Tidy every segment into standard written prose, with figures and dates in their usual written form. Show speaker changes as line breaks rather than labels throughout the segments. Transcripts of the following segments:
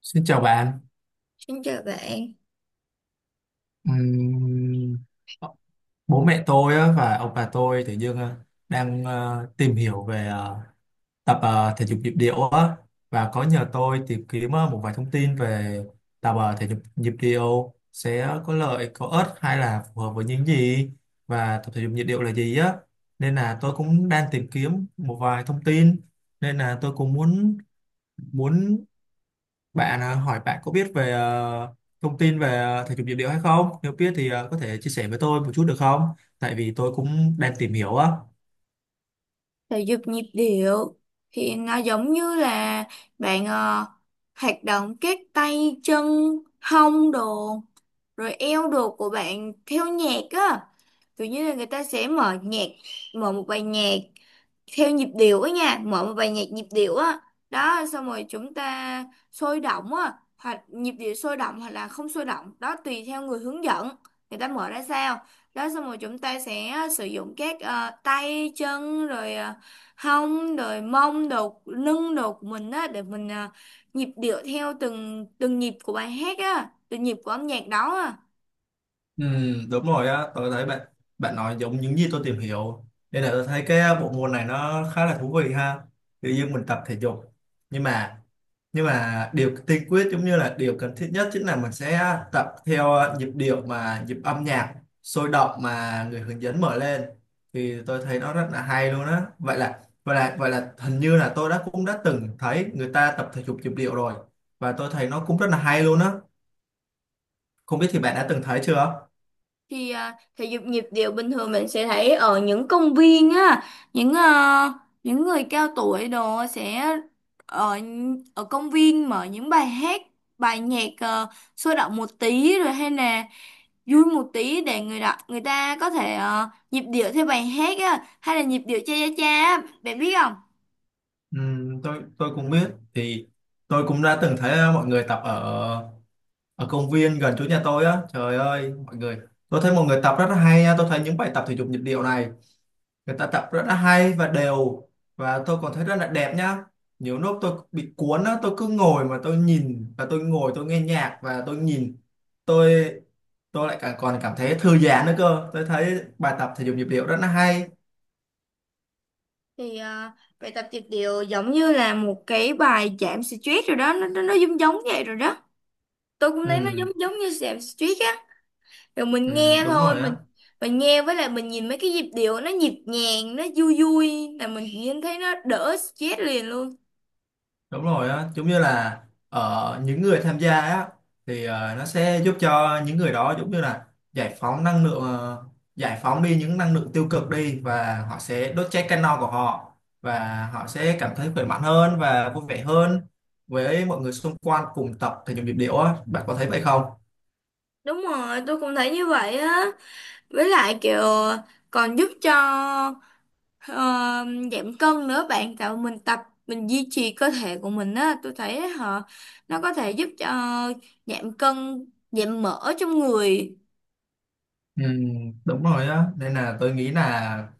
Xin chào bạn.
Xin chào bạn.
Ừm, ờ, Bố mẹ tôi á, và ông bà tôi tự dưng đang tìm hiểu về tập thể dục nhịp điệu á, và có nhờ tôi tìm kiếm một vài thông tin về tập thể dục nhịp điệu sẽ có lợi, có ích hay là phù hợp với những gì, và tập thể dục nhịp điệu là gì á. Nên là tôi cũng đang tìm kiếm một vài thông tin, nên là tôi cũng muốn muốn hỏi bạn có biết về thông tin về thể dục nhịp điệu hay không? Nếu biết thì có thể chia sẻ với tôi một chút được không? Tại vì tôi cũng đang tìm hiểu á.
Thể dục nhịp điệu thì nó giống như là bạn hoạt động các tay chân hông đồ rồi eo đồ của bạn theo nhạc á, kiểu như là người ta sẽ mở nhạc, mở một bài nhạc theo nhịp điệu á nha, mở một bài nhạc nhịp điệu á. Đó, xong rồi chúng ta sôi động á, hoặc nhịp điệu sôi động hoặc là không sôi động đó, tùy theo người hướng dẫn người ta mở ra sao. Đó, xong rồi chúng ta sẽ sử dụng các tay chân rồi hông rồi mông đồ lưng đồ của mình á, để mình nhịp điệu theo từng từng nhịp của bài hát á, từng nhịp của âm nhạc đó á.
Ừ, đúng rồi á, tôi thấy bạn bạn nói giống những gì tôi tìm hiểu, nên là tôi thấy cái bộ môn này nó khá là thú vị ha. Tự nhiên mình tập thể dục, nhưng mà điều tiên quyết giống như là điều cần thiết nhất chính là mình sẽ tập theo nhịp điệu mà nhịp âm nhạc sôi động mà người hướng dẫn mở lên, thì tôi thấy nó rất là hay luôn á. Vậy là hình như là tôi đã cũng đã từng thấy người ta tập thể dục nhịp điệu rồi, và tôi thấy nó cũng rất là hay luôn á. Không biết thì bạn đã từng thấy chưa?
Thì thể dục nhịp điệu bình thường mình sẽ thấy ở những công viên á, những những người cao tuổi đồ sẽ ở ở công viên mở những bài hát, bài nhạc sôi động một tí rồi hay là vui một tí để người đọc người ta có thể nhịp điệu theo bài hát á, hay là nhịp điệu cha cha cha á, bạn biết không.
Ừ, tôi cũng biết thì tôi cũng đã từng thấy mọi người tập ở ở công viên gần chỗ nhà tôi á. Trời ơi mọi người, tôi thấy mọi người tập rất là hay nha, tôi thấy những bài tập thể dục nhịp điệu này người ta tập rất là hay và đều, và tôi còn thấy rất là đẹp nhá. Nhiều lúc tôi bị cuốn á, tôi cứ ngồi mà tôi nhìn, và tôi ngồi tôi nghe nhạc và tôi nhìn, tôi tôi lại cả, còn cảm thấy thư giãn nữa cơ, tôi thấy bài tập thể dục nhịp điệu rất là hay.
Thì bài tập nhịp điệu giống như là một cái bài giảm stress rồi đó, nó giống giống vậy rồi đó. Tôi cũng thấy nó giống
Ừ,
giống như giảm stress á. Rồi
ừ,
mình nghe
đúng
thôi,
rồi
mình
á.
mình nghe với lại mình nhìn mấy cái nhịp điệu nó nhịp nhàng, nó vui vui là mình nhìn thấy nó đỡ stress liền luôn.
Đúng rồi á, giống như là ở những người tham gia á thì nó sẽ giúp cho những người đó giống như là giải phóng năng lượng, giải phóng đi những năng lượng tiêu cực đi, và họ sẽ đốt cháy cano của họ, và họ sẽ cảm thấy khỏe mạnh hơn và vui vẻ hơn với mọi người xung quanh cùng tập thể dục nhịp điệu á, bạn có thấy vậy không?
Đúng rồi, tôi cũng thấy như vậy á. Với lại kiểu còn giúp cho ờ, giảm cân nữa bạn, tạo mình tập, mình duy trì cơ thể của mình á. Tôi thấy họ, nó có thể giúp cho giảm cân, giảm mỡ trong người.
Ừ, đúng rồi á, nên là tôi nghĩ là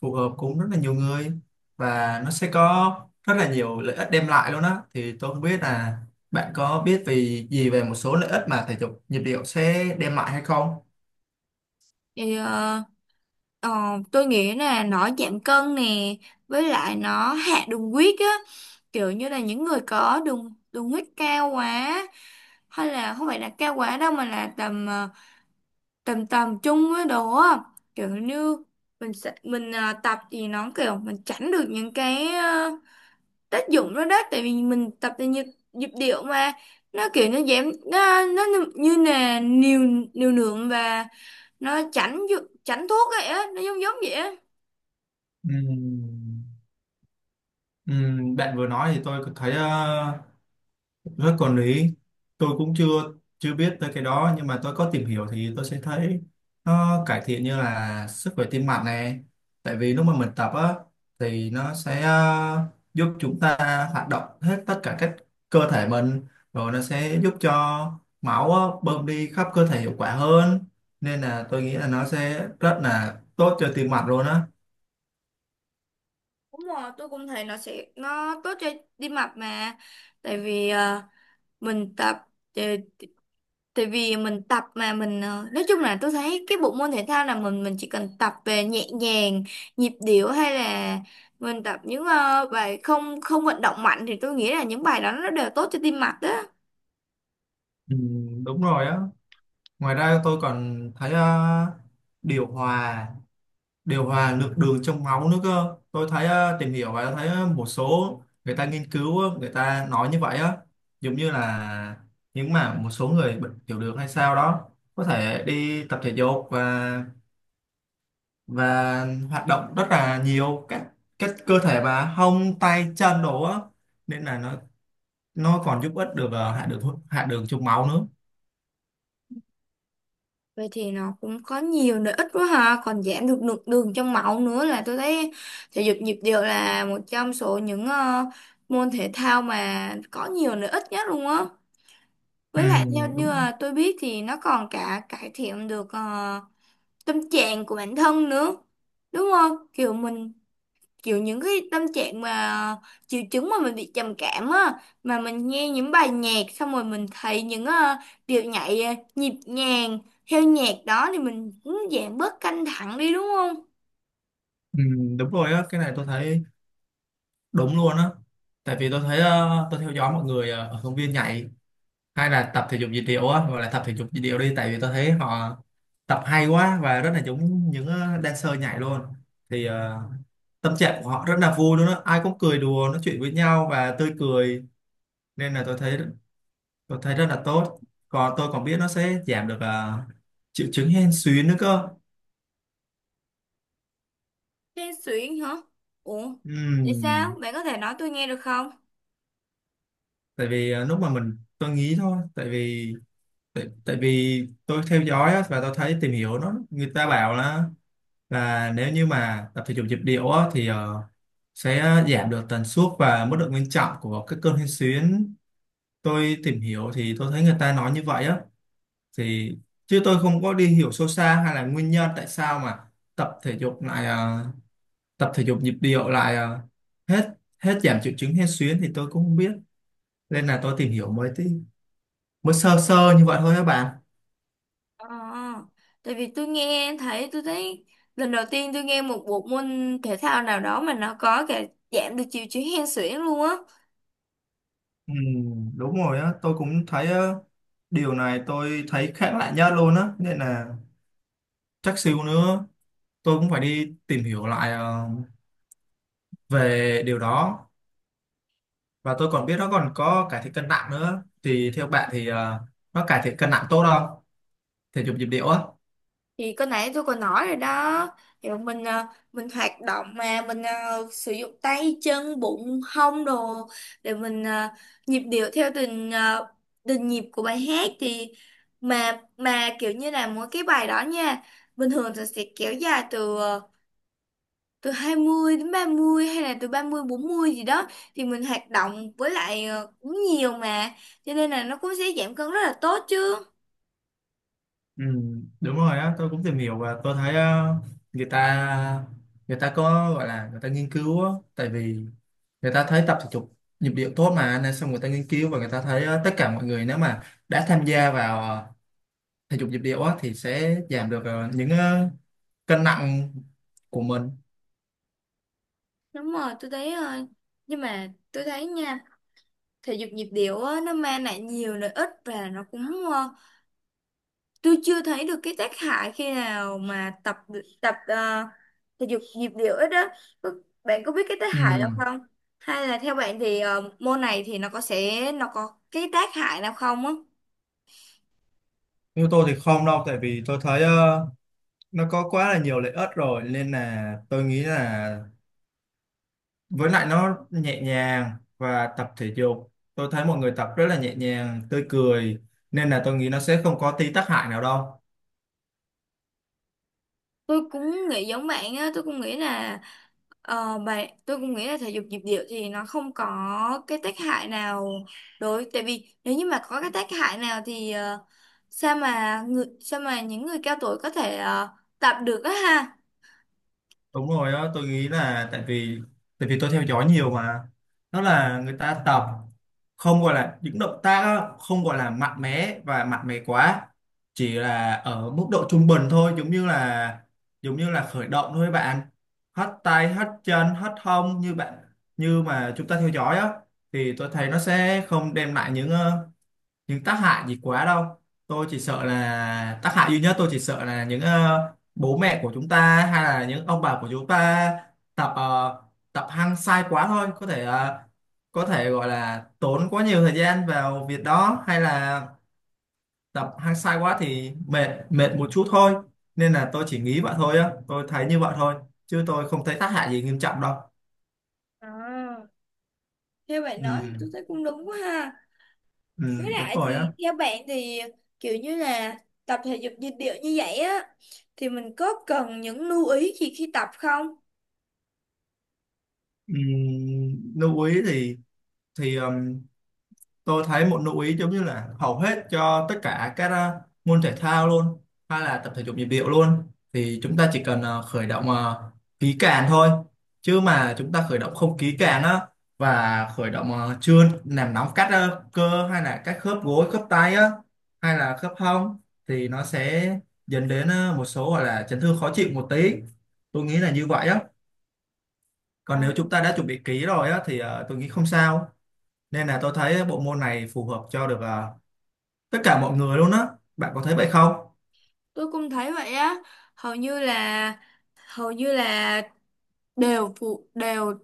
phù hợp cũng rất là nhiều người, và nó sẽ có rất là nhiều lợi ích đem lại luôn á, thì tôi không biết là bạn có biết về gì về một số lợi ích mà thể dục nhịp điệu sẽ đem lại hay không?
Thì Ờ, tôi nghĩ là nó giảm cân nè, với lại nó hạ đường huyết á. Kiểu như là những người có đường đường huyết cao quá, hay là không phải là cao quá đâu mà là tầm tầm tầm trung với đồ á, kiểu như mình sẽ mình tập thì nó kiểu mình tránh được những cái tác dụng đó đó, tại vì mình tập thì nhịp điệu mà, nó kiểu nó giảm nó như như là liều, liều lượng và nó tránh tránh thuốc vậy á, nó giống giống vậy á.
Ừm, Bạn vừa nói thì tôi có thấy. Đó, còn lý, tôi cũng chưa chưa biết tới cái đó, nhưng mà tôi có tìm hiểu thì tôi sẽ thấy nó cải thiện như là sức khỏe tim mạch này. Tại vì lúc mà mình tập á, thì nó sẽ giúp chúng ta hoạt động hết tất cả các cơ thể mình, rồi nó sẽ giúp cho máu á, bơm đi khắp cơ thể hiệu quả hơn, nên là tôi nghĩ là nó sẽ rất là tốt cho tim mạch luôn á.
Đúng rồi, tôi cũng thấy nó sẽ nó tốt cho tim mạch mà. Tại vì mình tập, tại tại vì mình tập mà mình nói chung là tôi thấy cái bộ môn thể thao là mình chỉ cần tập về nhẹ nhàng, nhịp điệu, hay là mình tập những bài không không vận động mạnh thì tôi nghĩ là những bài đó nó đều tốt cho tim mạch đó.
Ừ, đúng rồi á. Ngoài ra tôi còn thấy điều hòa điều hòa lượng đường trong máu nữa cơ, tôi thấy tìm hiểu và thấy một số người ta nghiên cứu, người ta nói như vậy á. Giống như là những mà một số người bệnh tiểu đường hay sao đó có thể đi tập thể dục, và hoạt động rất là nhiều các cơ thể mà hông tay chân đồ á, nên là nó còn giúp ích được hạ đường trong máu nữa.
Vậy thì nó cũng có nhiều lợi ích quá ha, còn giảm được lượng đường trong máu nữa, là tôi thấy thể dục nhịp điệu là một trong số những môn thể thao mà có nhiều lợi ích nhất luôn á.
Ừ,
Với lại theo như
đúng.
là tôi biết thì nó còn cả cải thiện được tâm trạng của bản thân nữa. Đúng không? Kiểu mình, kiểu những cái tâm trạng mà triệu chứng mà mình bị trầm cảm á, mà mình nghe những bài nhạc xong rồi mình thấy những điệu nhảy nhịp nhàng theo nhạc đó thì mình cũng giảm bớt căng thẳng đi, đúng không?
Ừ, đúng rồi á, cái này tôi thấy đúng luôn á. Tại vì tôi thấy tôi theo dõi mọi người ở công viên nhảy hay là tập thể dục dị điệu á, gọi là tập thể dục dị điệu đi, tại vì tôi thấy họ tập hay quá và rất là giống những dancer nhảy luôn. Thì tâm trạng của họ rất là vui luôn á, ai cũng cười đùa nói chuyện với nhau và tươi cười, nên là tôi thấy rất là tốt. Còn tôi còn biết nó sẽ giảm được triệu chứng hen suyễn nữa cơ.
Hên xuyễn hả? Ủa? Tại sao?
Ừm.
Bạn có thể nói tôi nghe được không?
Tại vì lúc mà mình, tôi nghĩ thôi, tại vì tại vì tôi theo dõi á, và tôi thấy tìm hiểu nó, người ta bảo là và nếu như mà tập thể dục nhịp điệu á, thì sẽ giảm được tần suất và mức độ nghiêm trọng của các cơn hen suyễn. Tôi tìm hiểu thì tôi thấy người ta nói như vậy á. Thì chứ tôi không có đi hiểu sâu xa hay là nguyên nhân tại sao mà tập thể dục lại tập thể dục nhịp điệu lại hết hết giảm triệu chứng hen suyễn thì tôi cũng không biết. Nên là tôi tìm hiểu mới tí, mới sơ sơ như vậy thôi các bạn.
Ờ, tại vì tôi nghe thấy tôi thấy lần đầu tiên tôi nghe một bộ môn thể thao nào đó mà nó có cả giảm được triệu chứng hen suyễn luôn á.
Ừ, đúng rồi á, tôi cũng thấy điều này tôi thấy khác lạ nhất luôn á, nên là chắc xíu nữa tôi cũng phải đi tìm hiểu lại về điều đó. Và tôi còn biết nó còn có cải thiện cân nặng nữa, thì theo bạn thì nó cải thiện cân nặng tốt không, thể dục nhịp điệu á?
Thì cái nãy tôi còn nói rồi đó, thì bọn mình mình hoạt động mà mình sử dụng tay chân bụng hông đồ để mình nhịp điệu theo từng từng nhịp của bài hát, thì mà kiểu như là mỗi cái bài đó nha, bình thường thì sẽ kéo dài từ từ 20 đến 30, hay là từ 30 40 gì đó, thì mình hoạt động với lại cũng nhiều mà, cho nên là nó cũng sẽ giảm cân rất là tốt chứ.
Ừ, đúng rồi á, tôi cũng tìm hiểu và tôi thấy người ta người ta có gọi là người ta nghiên cứu á, tại vì người ta thấy tập thể dục nhịp điệu tốt mà, nên xong người ta nghiên cứu và người ta thấy tất cả mọi người nếu mà đã tham gia vào thể dục nhịp điệu á thì sẽ giảm được những cân nặng của mình.
Đúng rồi, tôi thấy nhưng mà tôi thấy nha, thể dục nhịp điệu á, nó mang lại nhiều lợi ích và nó cũng ờ, tôi chưa thấy được cái tác hại khi nào mà tập tập thể dục nhịp điệu ít á. Có- Bạn có biết cái tác hại
Ừ.
nào không, hay là theo bạn thì môn này thì nó có cái tác hại nào không á?
Như tôi thì không đâu, tại vì tôi thấy nó có quá là nhiều lợi ích rồi, nên là tôi nghĩ là với lại nó nhẹ nhàng và tập thể dục. Tôi thấy mọi người tập rất là nhẹ nhàng, tươi cười, nên là tôi nghĩ nó sẽ không có tí tác hại nào đâu.
Tôi cũng nghĩ giống bạn á, tôi cũng nghĩ là ờ, bạn tôi cũng nghĩ là thể dục nhịp điệu thì nó không có cái tác hại nào, đối tại vì nếu như mà có cái tác hại nào thì sao mà những người cao tuổi có thể tập được á ha.
Đúng rồi đó, tôi nghĩ là tại vì tôi theo dõi nhiều mà, nó là người ta tập không gọi là những động tác á, không gọi là mạnh mẽ và mạnh mẽ quá, chỉ là ở mức độ trung bình thôi, giống như là khởi động thôi bạn, hất tay hất chân hất hông như bạn như mà chúng ta theo dõi á, thì tôi thấy nó sẽ không đem lại những tác hại gì quá đâu. Tôi chỉ sợ là tác hại duy nhất, tôi chỉ sợ là những bố mẹ của chúng ta hay là những ông bà của chúng ta tập tập hăng sai quá thôi, có thể có thể gọi là tốn quá nhiều thời gian vào việc đó, hay là tập hăng sai quá thì mệt mệt một chút thôi. Nên là tôi chỉ nghĩ vậy thôi á, tôi thấy như vậy thôi, chứ tôi không thấy tác hại gì nghiêm trọng đâu.
À, theo bạn
Ừ,
nói thì tôi thấy cũng đúng quá ha.
ừ,
Với
đúng
lại
rồi á.
thì theo bạn thì kiểu như là tập thể dục nhịp điệu như vậy á, thì mình có cần những lưu ý gì khi tập không?
Ừ, lưu ý thì thì ừm, tôi thấy một lưu ý giống như là hầu hết cho tất cả các môn thể thao luôn, hay là tập thể dục nhịp điệu luôn, thì chúng ta chỉ cần khởi động kỹ càng thôi. Chứ mà chúng ta khởi động không kỹ càng á, và khởi động chưa làm nóng các cơ hay là các khớp gối khớp tay á, hay là khớp hông, thì nó sẽ dẫn đến một số gọi là chấn thương khó chịu một tí, tôi nghĩ là như vậy á. Còn
À,
nếu chúng ta đã chuẩn bị kỹ rồi á thì tôi nghĩ không sao. Nên là tôi thấy bộ môn này phù hợp cho được à, tất cả mọi người luôn á, bạn có thấy vậy không?
tôi cũng thấy vậy á. hầu như là Hầu như là đều đều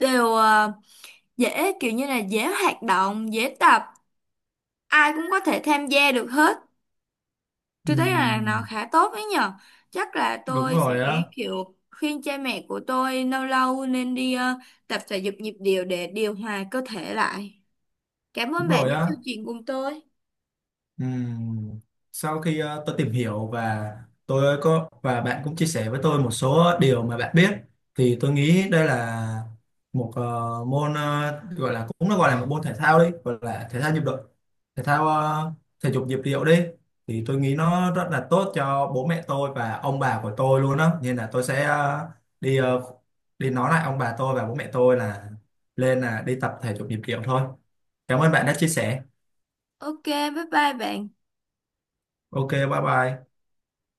đều ờ, dễ, kiểu như là dễ hoạt động dễ tập, ai cũng có thể tham gia được hết. Tôi thấy là nó
Ừm,
khá tốt đấy nhở. Chắc là
đúng
tôi sẽ
rồi á,
kiểu khuyên cha mẹ của tôi lâu lâu nên đi tập thể dục nhịp điệu để điều hòa cơ thể lại. Cảm ơn
đúng
bạn
rồi
đã
á.
chương trình cùng tôi.
Ừm, Sau khi tôi tìm hiểu, và tôi có và bạn cũng chia sẻ với tôi một số điều mà bạn biết, thì tôi nghĩ đây là một môn gọi là, cũng nó gọi là một môn thể thao đi, gọi là thể thao nhịp độ, thể thao thể dục nhịp điệu đi, thì tôi nghĩ nó rất là tốt cho bố mẹ tôi và ông bà của tôi luôn đó, nên là tôi sẽ đi đi nói lại ông bà tôi và bố mẹ tôi là lên là đi tập thể dục nhịp điệu thôi. Cảm ơn bạn đã chia sẻ.
OK, bye bye bạn.
OK bye bye.